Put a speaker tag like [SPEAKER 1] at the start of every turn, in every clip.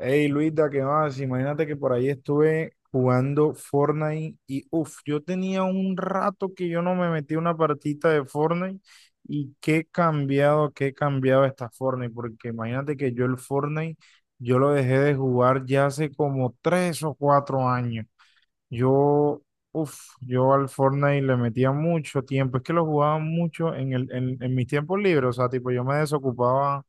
[SPEAKER 1] Hey Luisa, ¿qué más? Imagínate que por ahí estuve jugando Fortnite y yo tenía un rato que yo no me metí a una partita de Fortnite y qué cambiado está Fortnite, porque imagínate que yo el Fortnite, yo lo dejé de jugar ya hace como 3 o 4 años. Yo, yo al Fortnite le metía mucho tiempo, es que lo jugaba mucho en mis tiempos libres, o sea, tipo, yo me desocupaba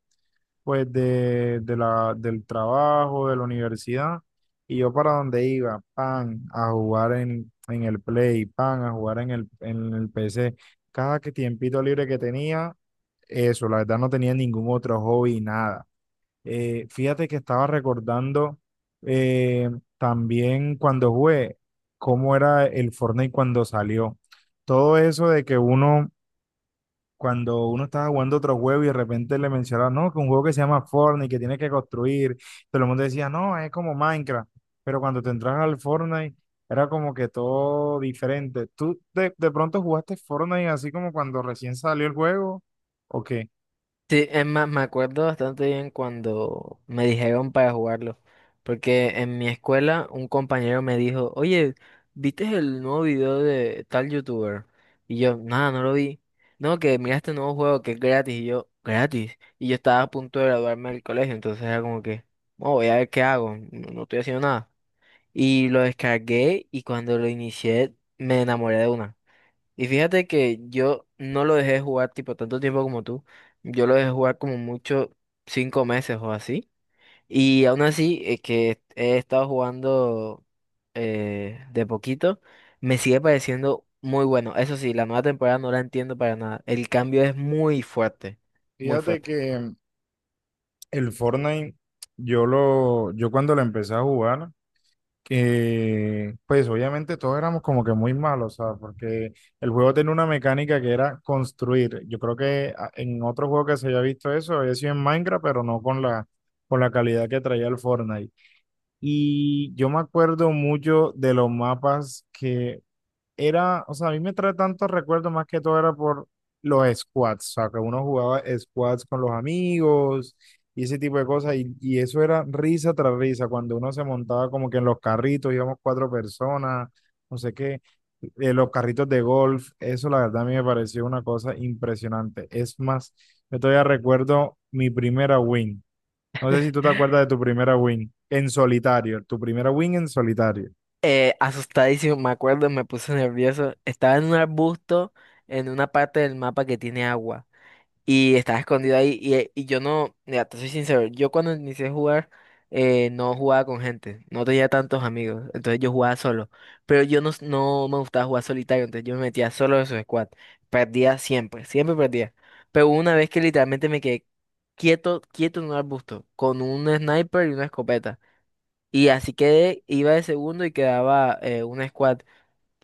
[SPEAKER 1] pues del trabajo, de la universidad, y yo para donde iba, pan, a jugar en el Play, pan, a jugar en el PC. Cada que tiempito libre que tenía, eso, la verdad no tenía ningún otro hobby, nada. Fíjate que estaba recordando eh, también cuando jugué, cómo era el Fortnite cuando salió. Todo eso de que uno cuando uno estaba jugando otro juego y de repente le mencionaron, no, que un juego que se llama Fortnite, que tienes que construir, todo el mundo decía, no, es como Minecraft, pero cuando te entras al Fortnite era como que todo diferente. ¿Tú de pronto jugaste Fortnite así como cuando recién salió el juego o qué?
[SPEAKER 2] Sí, es más, me acuerdo bastante bien cuando me dijeron para jugarlo, porque en mi escuela un compañero me dijo, oye, ¿viste el nuevo video de tal youtuber? Y yo, nada, no lo vi. No, que mira este nuevo juego que es gratis. Y yo estaba a punto de graduarme del colegio, entonces era como que, "Oh, voy a ver qué hago, no, no estoy haciendo nada." Y lo descargué y cuando lo inicié me enamoré de una. Y fíjate que yo no lo dejé jugar tipo tanto tiempo como tú. Yo lo dejé jugar como mucho 5 meses o así. Y aún así, que he estado jugando de poquito, me sigue pareciendo muy bueno. Eso sí, la nueva temporada no la entiendo para nada. El cambio es muy fuerte, muy
[SPEAKER 1] Fíjate
[SPEAKER 2] fuerte.
[SPEAKER 1] que el Fortnite, yo cuando lo empecé a jugar, que pues obviamente todos éramos como que muy malos, ¿sabes? Porque el juego tenía una mecánica que era construir. Yo creo que en otro juego que se haya visto eso había sido en Minecraft, pero no con la calidad que traía el Fortnite. Y yo me acuerdo mucho de los mapas que era, o sea, a mí me trae tantos recuerdos más que todo era por los squads, o sea, que uno jugaba squads con los amigos y ese tipo de cosas, y eso era risa tras risa, cuando uno se montaba como que en los carritos, íbamos cuatro personas, no sé qué, los carritos de golf, eso la verdad a mí me pareció una cosa impresionante. Es más, yo todavía recuerdo mi primera win. No sé si tú te acuerdas de tu primera win en solitario, tu primera win en solitario.
[SPEAKER 2] Asustadísimo, me acuerdo, me puse nervioso. Estaba en un arbusto en una parte del mapa que tiene agua. Y estaba escondido ahí. Y yo no, mira, te soy sincero, yo cuando inicié a jugar, no jugaba con gente, no tenía tantos amigos, entonces yo jugaba solo. Pero yo no, no me gustaba jugar solitario, entonces yo me metía solo en su squad. Perdía siempre, siempre perdía. Pero hubo una vez que literalmente me quedé quieto, quieto en un arbusto, con un sniper y una escopeta. Y así quedé, iba de segundo y quedaba un squad.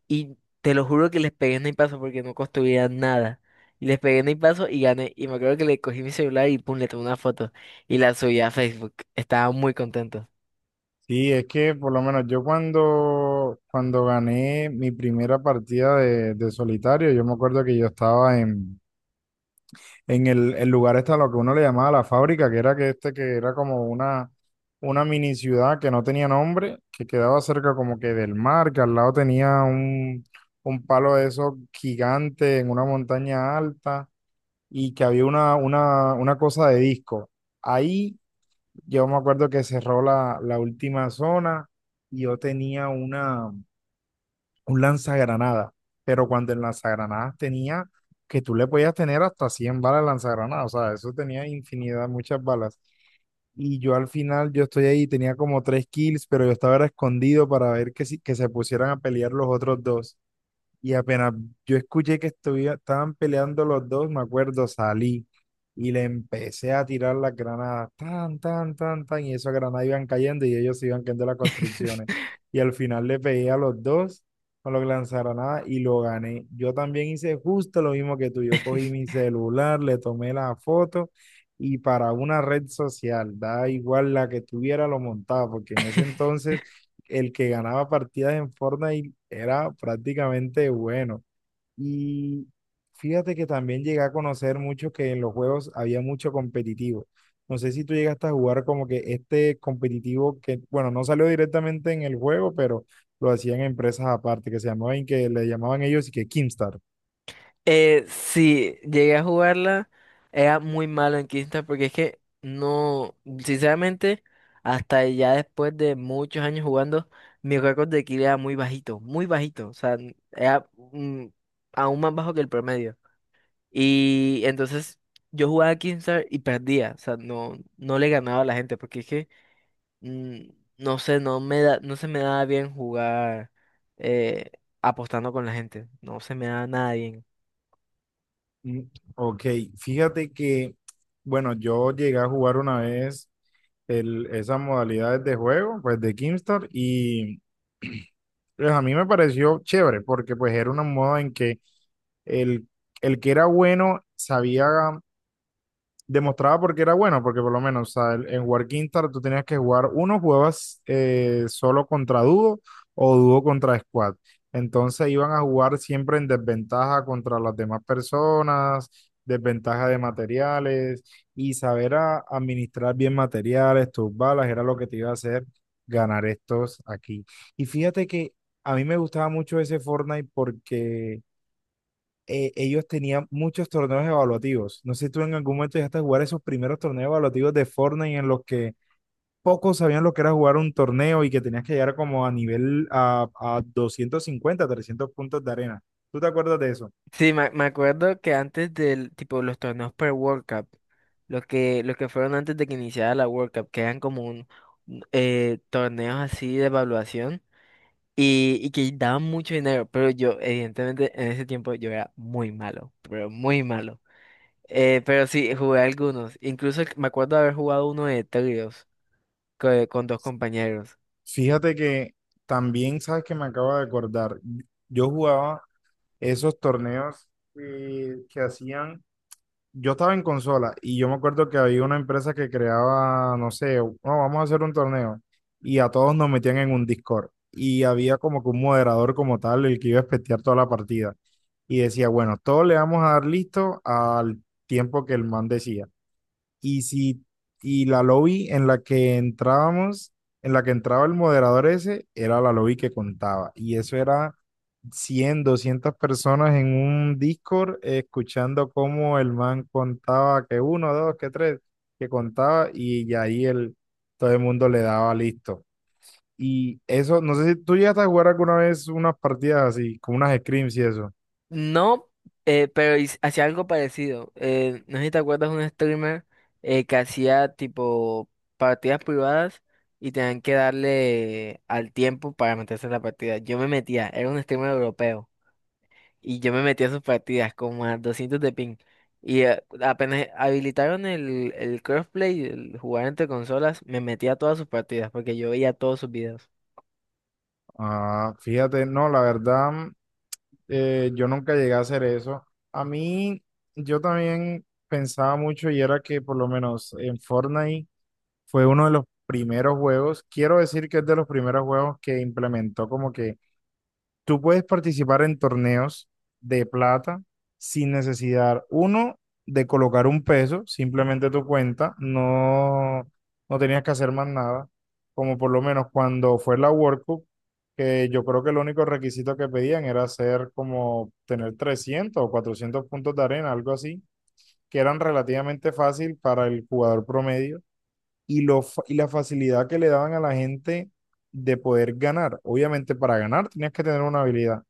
[SPEAKER 2] Y te lo juro que les pegué en el paso porque no construía nada. Y les pegué en el paso y gané. Y me acuerdo que le cogí mi celular y pum, le tomé una foto. Y la subí a Facebook. Estaba muy contento.
[SPEAKER 1] Sí, es que por lo menos yo cuando gané mi primera partida de solitario, yo me acuerdo que yo estaba en el lugar este, lo que uno le llamaba la fábrica, que era que este, que era como una mini ciudad que no tenía nombre, que quedaba cerca como que del mar, que al lado tenía un palo de esos gigante en una montaña alta y que había una cosa de disco. Ahí yo me acuerdo que cerró la última zona y yo tenía un lanzagranadas, pero cuando el lanzagranadas tenía que tú le podías tener hasta 100 balas de lanzagranadas, o sea, eso tenía infinidad, muchas balas. Y yo al final, yo estoy ahí, tenía como tres kills, pero yo estaba era escondido para ver que, si, que se pusieran a pelear los otros dos. Y apenas yo escuché que estaban peleando los dos, me acuerdo, salí y le empecé a tirar las granadas, tan, tan, tan, tan, y esas granadas iban cayendo y ellos se iban cayendo las construcciones. Y al final le pegué a los dos con los lanzagranadas y lo gané. Yo también hice justo lo mismo que tú. Yo cogí mi celular, le tomé la foto y para una red social, da igual la que tuviera, lo montaba, porque en ese entonces el que ganaba partidas en Fortnite era prácticamente bueno. Y fíjate que también llegué a conocer mucho que en los juegos había mucho competitivo. No sé si tú llegaste a jugar como que este competitivo que, bueno, no salió directamente en el juego, pero lo hacían empresas aparte, que se llamaban, que le llamaban ellos y que Kimstar.
[SPEAKER 2] Sí, llegué a jugarla. Era muy malo en Quinta porque es que no, sinceramente, hasta ya después de muchos años jugando, mi récord de kill era muy bajito, muy bajito. O sea, era aún más bajo que el promedio. Y entonces yo jugaba Keemstar y perdía, o sea, no, no le ganaba a la gente, porque es que, mm, no sé, no me da, no se me daba bien jugar eh, apostando con la gente, no se me daba nada bien.
[SPEAKER 1] Mm, ok, fíjate que, bueno, yo llegué a jugar una vez el, esas modalidades de juego, pues de Kimstar, y pues a mí me pareció chévere porque pues era una moda en que el, el que era bueno sabía demostraba porque era bueno, porque por lo menos, o sea, en War Quintar tú tenías que jugar uno, jugabas solo contra dúo o dúo contra squad. Entonces iban a jugar siempre en desventaja contra las demás personas, desventaja de materiales y saber administrar bien materiales, tus balas, era lo que te iba a hacer ganar estos aquí. Y fíjate que a mí me gustaba mucho ese Fortnite porque ellos tenían muchos torneos evaluativos. No sé si tú en algún momento llegaste a jugar esos primeros torneos evaluativos de Fortnite en los que pocos sabían lo que era jugar un torneo y que tenías que llegar como a nivel a 250, 300 puntos de arena. ¿Tú te acuerdas de eso?
[SPEAKER 2] Sí, me acuerdo que antes del, tipo, los torneos per World Cup, los que fueron antes de que iniciara la World Cup, que eran como un, torneos así de evaluación y que daban mucho dinero, pero yo, evidentemente, en ese tiempo yo era muy malo, pero muy malo. Pero sí, jugué algunos. Incluso me acuerdo de haber jugado uno de tríos con, dos compañeros.
[SPEAKER 1] Fíjate que también, sabes que me acabo de acordar, yo jugaba esos torneos que hacían yo estaba en consola y yo me acuerdo que había una empresa que creaba, no sé, no, vamos a hacer un torneo y a todos nos metían en un Discord y había como que un moderador como tal el que iba a espetear toda la partida y decía, bueno, todos le vamos a dar listo al tiempo que el man decía y si y la lobby en la que entrábamos, en la que entraba el moderador ese, era la lobby que contaba y eso era 100 200 personas en un Discord escuchando cómo el man contaba que uno, dos, que tres, que contaba ya ahí el, todo el mundo le daba listo. Y eso, no sé si tú llegaste a jugar alguna vez unas partidas así, como unas scrims y eso.
[SPEAKER 2] No, pero hacía algo parecido. No sé si te acuerdas de un streamer que hacía tipo partidas privadas y tenían que darle al tiempo para meterse en la partida. Yo me metía, era un streamer europeo. Y yo me metí a sus partidas como a 200 de ping. Y apenas habilitaron el crossplay, el jugar entre consolas, me metí a todas sus partidas porque yo veía todos sus videos.
[SPEAKER 1] Ah, fíjate, no, la verdad, yo nunca llegué a hacer eso. A mí, yo también pensaba mucho y era que por lo menos en Fortnite fue uno de los primeros juegos, quiero decir que es de los primeros juegos que implementó como que tú puedes participar en torneos de plata sin necesidad, uno, de colocar un peso, simplemente tu cuenta, no, no tenías que hacer más nada, como por lo menos cuando fue la World Cup, que yo creo que el único requisito que pedían era hacer como tener 300 o 400 puntos de arena, algo así, que eran relativamente fácil para el jugador promedio y la facilidad que le daban a la gente de poder ganar. Obviamente para ganar tenías que tener una habilidad,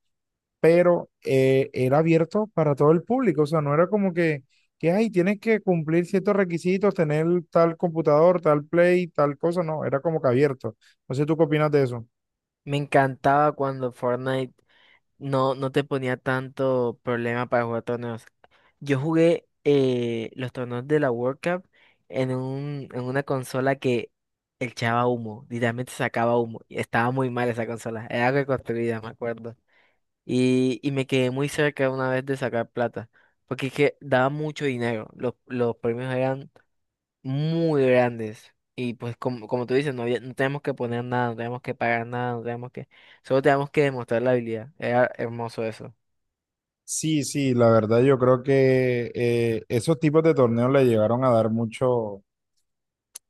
[SPEAKER 1] pero era abierto para todo el público, o sea, no era como que, ay, tienes que cumplir ciertos requisitos, tener tal computador, tal play, tal cosa, no, era como que abierto. No sé, ¿tú qué opinas de eso?
[SPEAKER 2] Me encantaba cuando Fortnite no, no te ponía tanto problema para jugar torneos. Yo jugué los torneos de la World Cup en en una consola que echaba humo, literalmente sacaba humo. Y estaba muy mal esa consola, era reconstruida, me acuerdo. Y me quedé muy cerca una vez de sacar plata, porque es que daba mucho dinero, los premios eran muy grandes. Y pues como tú dices, no había, no tenemos que poner nada, no tenemos que pagar nada, no tenemos que, solo tenemos que demostrar la habilidad. Era hermoso eso.
[SPEAKER 1] Sí, sí, la verdad yo creo que esos tipos de torneos le llegaron a dar mucho,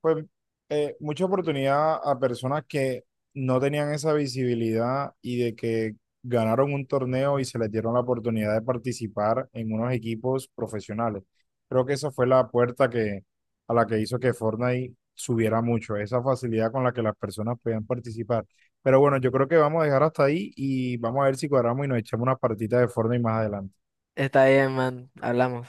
[SPEAKER 1] pues mucha oportunidad a personas que no tenían esa visibilidad y de que ganaron un torneo y se les dieron la oportunidad de participar en unos equipos profesionales. Creo que esa fue la puerta que, a la que hizo que Fortnite subiera mucho, esa facilidad con la que las personas podían participar. Pero bueno, yo creo que vamos a dejar hasta ahí y vamos a ver si cuadramos y nos echamos una partita de Fortnite más adelante.
[SPEAKER 2] Está bien, man, hablamos.